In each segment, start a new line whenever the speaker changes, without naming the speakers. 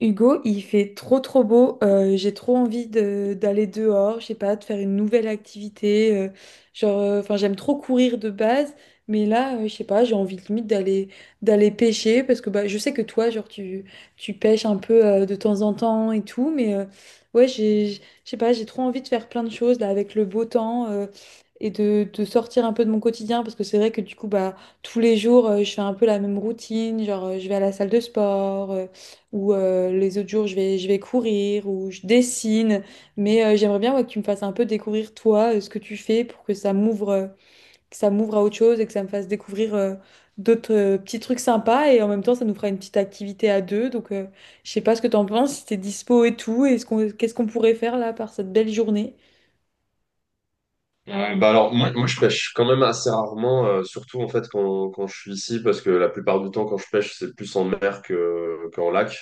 Hugo, il fait trop trop beau. J'ai trop envie d'aller dehors, je sais pas, de faire une nouvelle activité. Genre, enfin, j'aime trop courir de base, mais là, je sais pas, j'ai envie limite d'aller pêcher parce que bah, je sais que toi, genre, tu pêches un peu de temps en temps et tout, mais ouais, je sais pas, j'ai trop envie de faire plein de choses là avec le beau temps. Et de sortir un peu de mon quotidien parce que c'est vrai que du coup bah tous les jours je fais un peu la même routine genre je vais à la salle de sport ou les autres jours je vais courir ou je dessine. Mais j'aimerais bien ouais, que tu me fasses un peu découvrir toi, ce que tu fais pour que ça m'ouvre à autre chose et que ça me fasse découvrir d'autres petits trucs sympas. Et en même temps, ça nous fera une petite activité à deux. Donc je sais pas ce que t'en penses, si t'es dispo et tout, et qu'est-ce qu'on pourrait faire là par cette belle journée.
Ouais, bah alors moi je pêche quand même assez rarement, surtout en fait quand je suis ici, parce que la plupart du temps quand je pêche c'est plus en mer qu'en lac.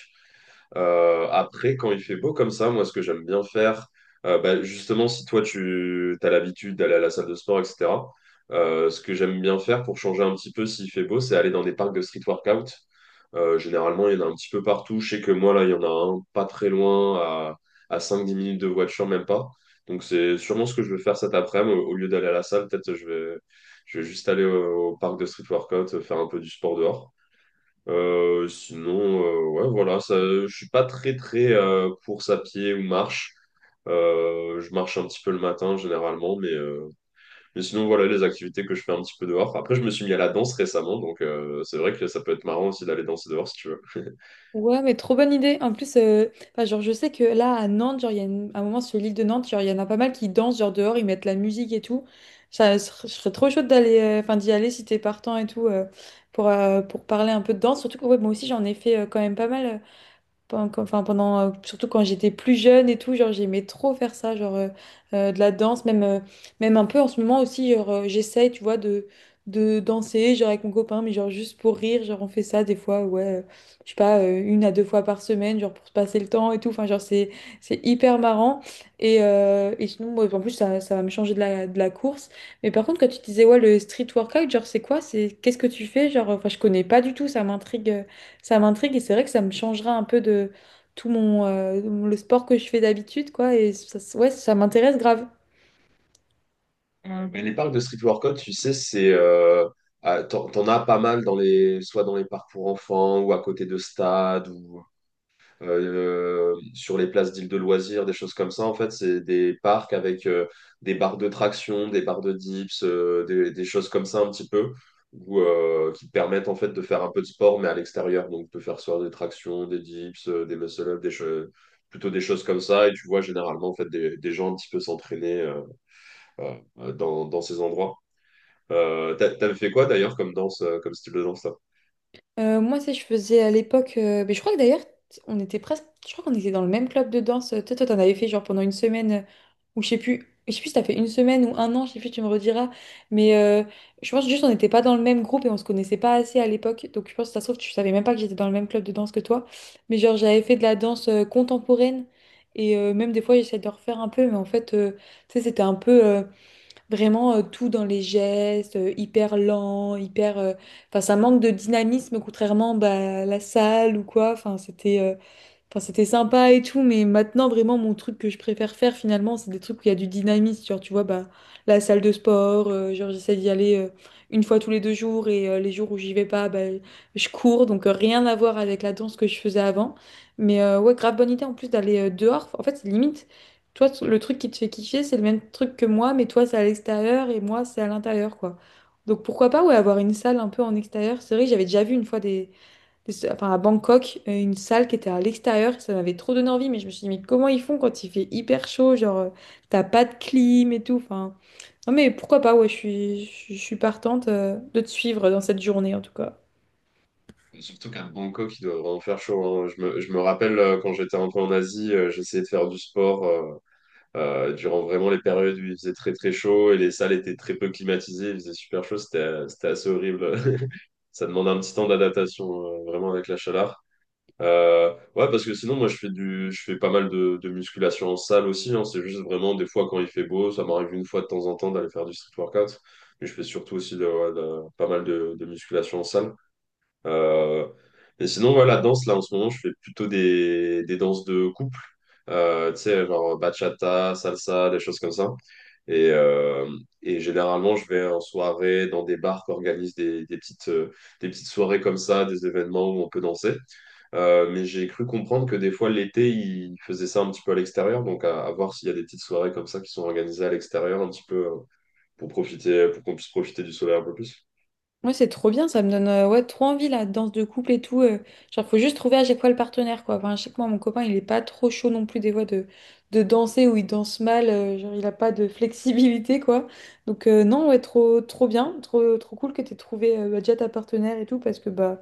Après quand il fait beau comme ça, moi ce que j'aime bien faire, bah, justement si toi tu as l'habitude d'aller à la salle de sport, etc., ce que j'aime bien faire pour changer un petit peu s'il fait beau, c'est aller dans des parcs de street workout. Généralement, il y en a un petit peu partout. Je sais que moi, là, il y en a un pas très loin, à 5 10 minutes de voiture, même pas. Donc, c'est sûrement ce que je vais faire cet après-midi. Au lieu d'aller à la salle, peut-être je vais juste aller au parc de street workout, faire un peu du sport dehors. Sinon, ouais, voilà, ça, je suis pas très, très course à pied ou marche. Je marche un petit peu le matin généralement, mais sinon voilà les activités que je fais un petit peu dehors. Après, je me suis mis à la danse récemment, donc c'est vrai que ça peut être marrant aussi d'aller danser dehors si tu veux.
Ouais, mais trop bonne idée. En plus, enfin, genre, je sais que là, à Nantes, genre, il y a un moment sur l'île de Nantes, genre, il y en a pas mal qui dansent, genre, dehors, ils mettent la musique et tout. Ça, je serais trop chaude enfin, d'y aller si t'es partant et tout, pour parler un peu de danse. Surtout que, ouais, moi aussi, j'en ai fait quand même pas mal. Enfin, pendant, surtout quand j'étais plus jeune et tout, genre j'aimais trop faire ça, genre de la danse, même un peu en ce moment aussi, genre j'essaye, tu vois, de danser, genre avec mon copain, mais genre juste pour rire, genre on fait ça des fois, ouais, je sais pas, une à deux fois par semaine, genre pour se passer le temps et tout, enfin genre c'est hyper marrant. Et sinon, moi, en plus, ça va me changer de la, course. Mais par contre, quand tu disais, ouais, le street workout, genre c'est quoi? Qu'est-ce que tu fais? Genre, enfin, je connais pas du tout, ça m'intrigue. Ça m'intrigue et c'est vrai que ça me changera un peu de tout mon le sport que je fais d'habitude, quoi. Et ça, ouais, ça m'intéresse grave.
Mais les parcs de street workout, tu sais, c'est ah, t'en as pas mal dans les, soit dans les parcs pour enfants ou à côté de stades ou sur les places d'îles de loisirs, des choses comme ça. En fait, c'est des parcs avec des barres de traction, des barres de dips, des choses comme ça un petit peu, ou qui te permettent en fait de faire un peu de sport mais à l'extérieur, donc de faire soit des tractions, des dips, des muscle-ups, plutôt des choses comme ça. Et tu vois généralement en fait des gens un petit peu s'entraîner dans ces endroits. T'avais fait quoi d'ailleurs comme danse, comme style de danse là?
Moi, si je faisais à l'époque, mais je crois que d'ailleurs, on était presque, je crois qu'on était dans le même club de danse. Toi, t'en avais fait genre pendant une semaine, ou je sais plus si t'as fait une semaine ou un an, je sais plus, tu me rediras. Mais je pense juste on n'était pas dans le même groupe et on se connaissait pas assez à l'époque. Donc je pense que ça se trouve, tu savais même pas que j'étais dans le même club de danse que toi. Mais genre, j'avais fait de la danse contemporaine et même des fois, j'essayais de le refaire un peu, mais en fait, tu sais, c'était un peu, vraiment, tout dans les gestes, hyper lent, hyper, enfin, ça manque de dynamisme, contrairement bah, à la salle ou quoi. Enfin, c'était sympa et tout, mais maintenant, vraiment, mon truc que je préfère faire, finalement, c'est des trucs où il y a du dynamisme. Genre, tu vois, bah, la salle de sport, genre, j'essaie d'y aller une fois tous les 2 jours et les jours où j'y vais pas, bah, je cours. Donc, rien à voir avec la danse que je faisais avant. Mais ouais, grave bonne idée en plus d'aller dehors. En fait, c'est limite, toi, le truc qui te fait kiffer, c'est le même truc que moi, mais toi, c'est à l'extérieur et moi, c'est à l'intérieur, quoi. Donc, pourquoi pas, ouais, avoir une salle un peu en extérieur. C'est vrai, j'avais déjà vu une fois des enfin, à Bangkok, une salle qui était à l'extérieur. Ça m'avait trop donné envie, mais je me suis dit, mais comment ils font quand il fait hyper chaud? Genre, t'as pas de clim et tout. Enfin, non, mais pourquoi pas, ouais, je suis partante, de te suivre dans cette journée en tout cas.
Surtout qu'à Bangkok, il doit vraiment faire chaud, hein. Je me rappelle quand j'étais un peu en Asie, j'essayais de faire du sport durant vraiment les périodes où il faisait très très chaud et les salles étaient très peu climatisées, il faisait super chaud, c'était assez horrible. Ça demande un petit temps d'adaptation vraiment avec la chaleur. Ouais, parce que sinon, moi, je fais pas mal de musculation en salle aussi, hein. C'est juste vraiment des fois quand il fait beau, ça m'arrive une fois de temps en temps d'aller faire du street workout. Mais je fais surtout aussi ouais, pas mal de musculation en salle. Euh, et sinon, ouais, la danse, là, en ce moment, je fais plutôt des danses de couple. Tu sais, genre bachata, salsa, des choses comme ça. Et, euh, et généralement, je vais en soirée dans des bars qui organisent des petites soirées comme ça, des événements où on peut danser. Mais j'ai cru comprendre que des fois l'été, ils faisaient ça un petit peu à l'extérieur, donc à voir s'il y a des petites soirées comme ça qui sont organisées à l'extérieur un petit peu pour profiter, pour qu'on puisse profiter du soleil un peu plus.
Ouais, c'est trop bien, ça me donne ouais, trop envie la danse de couple et tout. Genre, faut juste trouver à chaque fois le partenaire, quoi. Enfin, à chaque fois, mon copain, il est pas trop chaud non plus des fois de, danser ou il danse mal, genre, il a pas de flexibilité, quoi. Donc, non, ouais, trop, trop bien, trop, trop cool que t'aies trouvé bah, déjà ta partenaire et tout, parce que bah,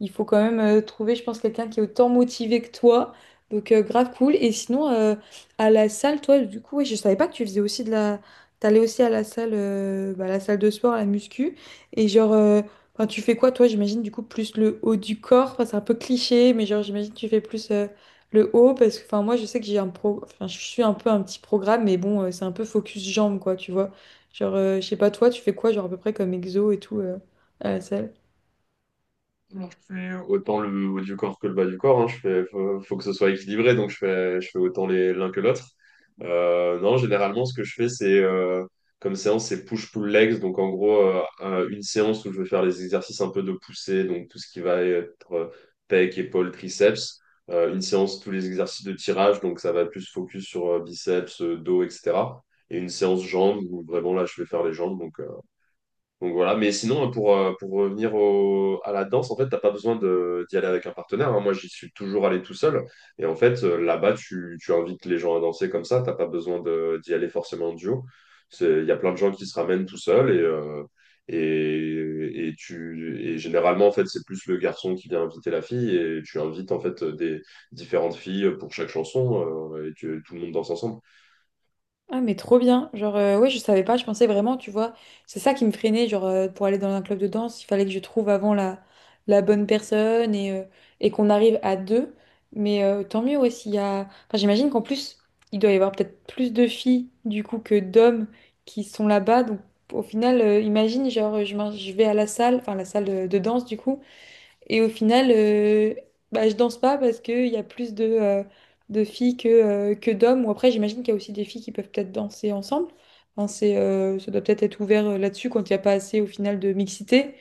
il faut quand même trouver, je pense, quelqu'un qui est autant motivé que toi. Donc, grave cool. Et sinon, à la salle, toi, du coup, ouais, je savais pas que tu faisais aussi T'allais aussi à la salle, bah, la salle de sport, à la muscu. Et genre, enfin, tu fais quoi, toi, j'imagine, du coup, plus le haut du corps. Enfin, c'est un peu cliché, mais genre, j'imagine que tu fais plus le haut. Parce que, enfin, moi, je sais que j'ai enfin, je suis un peu un petit programme, mais bon, c'est un peu focus jambes, quoi, tu vois. Genre, je sais pas, toi, tu fais quoi, genre, à peu près comme exo et tout à la salle?
Alors, je fais autant le haut du corps que le bas du corps, hein. Faut que ce soit équilibré, donc je fais autant l'un que l'autre. Non, généralement, ce que je fais, c'est comme séance, c'est push-pull legs. Donc, en gros, une séance où je vais faire les exercices un peu de poussée, donc tout ce qui va être pec, épaule, triceps. Une séance, tous les exercices de tirage, donc ça va plus focus sur biceps, dos, etc. Et une séance jambes où vraiment là, je vais faire les jambes. Donc, voilà, mais sinon, pour revenir à la danse, en fait, t'as pas besoin d'y aller avec un partenaire, hein. Moi, j'y suis toujours allé tout seul. Et en fait, là-bas, tu invites les gens à danser comme ça. T'as pas besoin d'y aller forcément en duo. Il y a plein de gens qui se ramènent tout seuls. Et généralement, en fait, c'est plus le garçon qui vient inviter la fille. Et tu invites, en fait, des différentes filles pour chaque chanson. Tout le monde danse ensemble.
Ah mais trop bien. Genre ouais, je savais pas, je pensais vraiment, tu vois, c'est ça qui me freinait genre pour aller dans un club de danse, il fallait que je trouve avant la bonne personne et qu'on arrive à deux. Mais tant mieux ouais, s'il y a enfin j'imagine qu'en plus, il doit y avoir peut-être plus de filles du coup que d'hommes qui sont là-bas donc au final imagine genre je vais à la salle, enfin la salle de danse du coup et au final, bah, je danse pas parce qu'il y a plus de filles que d'hommes. Ou après, j'imagine qu'il y a aussi des filles qui peuvent peut-être danser ensemble. Enfin, ça doit peut-être être ouvert là-dessus quand il n'y a pas assez au final de mixité.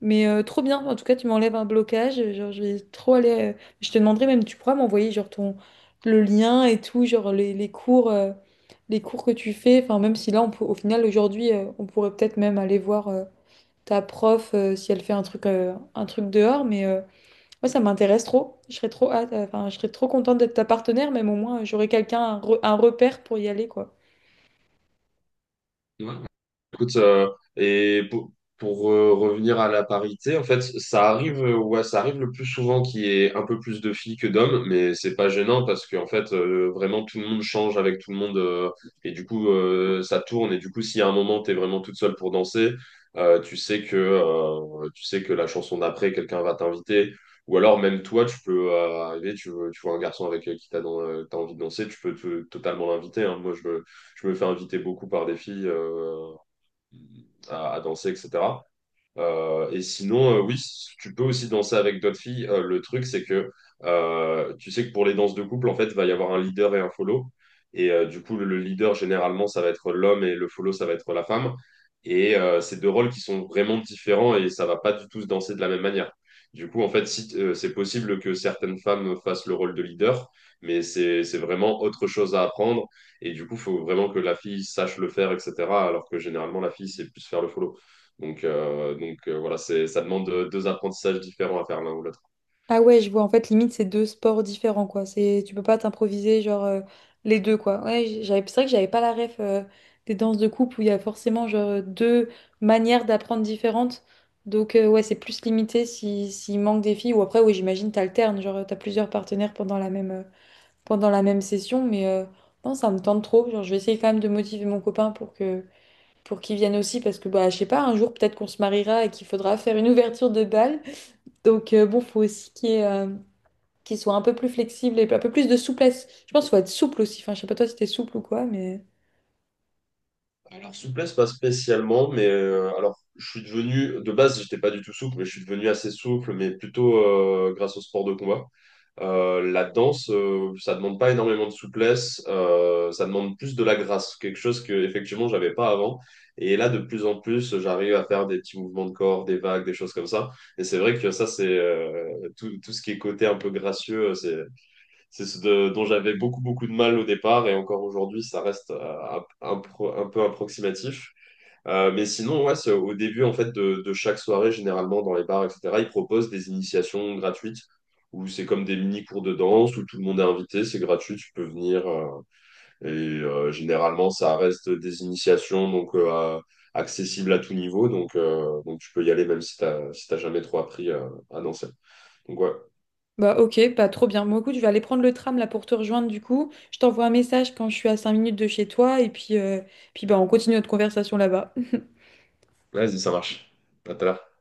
Mais trop bien, en tout cas, tu m'enlèves un blocage. Genre, je vais trop aller. Je te demanderai même, tu pourras m'envoyer genre ton le lien et tout, genre les cours que tu fais. Enfin, même si là, on peut, au final, aujourd'hui, on pourrait peut-être même aller voir. Ta prof si elle fait un truc dehors. Mais moi, ça m'intéresse trop. Je serais trop hâte, enfin, je serais trop contente d'être ta partenaire, même au moins, j'aurais quelqu'un, un repère pour y aller, quoi.
Ouais. Écoute, et revenir à la parité, en fait, ça arrive le plus souvent qu'il y ait un peu plus de filles que d'hommes, mais c'est pas gênant parce qu'en fait, vraiment, tout le monde change avec tout le monde et du coup, ça tourne. Et du coup, si à un moment, t'es vraiment toute seule pour danser, tu sais que la chanson d'après, quelqu'un va t'inviter. Ou alors, même toi, tu peux arriver, tu vois un garçon avec t'as envie de danser, tu peux totalement l'inviter, hein. Moi, je me fais inviter beaucoup par des filles, à danser, etc. Et sinon, oui, tu peux aussi danser avec d'autres filles. Le truc, c'est que tu sais que pour les danses de couple, en fait, va y avoir un leader et un follow. Et du coup, le leader, généralement, ça va être l'homme et le follow, ça va être la femme. Et c'est deux rôles qui sont vraiment différents et ça va pas du tout se danser de la même manière. Du coup, en fait, si, c'est possible que certaines femmes fassent le rôle de leader, mais c'est vraiment autre chose à apprendre. Et du coup, il faut vraiment que la fille sache le faire, etc. Alors que généralement, la fille sait plus faire le follow. Voilà, ça demande deux apprentissages différents à faire l'un ou l'autre.
Ah ouais, je vois, en fait, limite, c'est deux sports différents, quoi. Tu peux pas t'improviser, genre, les deux, quoi. Ouais, c'est vrai que j'avais pas la ref des danses de couple où il y a forcément, genre, deux manières d'apprendre différentes. Donc, ouais, c'est plus limité si, s'il manque des filles. Ou après, oui, j'imagine, t'alternes, genre, t'as plusieurs partenaires pendant la même session, mais non, ça me tente trop. Genre, je vais essayer quand même de motiver mon copain pour qu'il vienne aussi, parce que bah, je sais pas, un jour peut-être qu'on se mariera et qu'il faudra faire une ouverture de bal. Donc bon, faut aussi qu'il soit un peu plus flexible et un peu plus de souplesse. Je pense qu'il faut être souple aussi. Enfin, je sais pas toi si t'es souple ou quoi, mais.
Alors, souplesse, pas spécialement, mais alors, je suis devenu, de base, j'étais pas du tout souple, mais je suis devenu assez souple, mais plutôt grâce au sport de combat. La danse, ça demande pas énormément de souplesse, ça demande plus de la grâce, quelque chose que effectivement j'avais pas avant. Et là, de plus en plus, j'arrive à faire des petits mouvements de corps, des vagues, des choses comme ça. Et c'est vrai que ça, c'est tout, tout ce qui est côté un peu gracieux, c'est ce dont j'avais beaucoup, beaucoup de mal au départ, et encore aujourd'hui, ça reste un peu approximatif. Mais sinon, ouais, c'est au début en fait de chaque soirée, généralement dans les bars, etc., ils proposent des initiations gratuites où c'est comme des mini cours de danse où tout le monde est invité, c'est gratuit, tu peux venir. Généralement, ça reste des initiations donc accessibles à tout niveau, donc tu peux y aller même si t'as jamais trop appris à danser. Donc ouais,
Bah ok, pas trop bien. Moi, écoute, je vais aller prendre le tram là pour te rejoindre du coup. Je t'envoie un message quand je suis à 5 minutes de chez toi et puis bah, on continue notre conversation là-bas.
vas-y, ça marche. À tout à l'heure.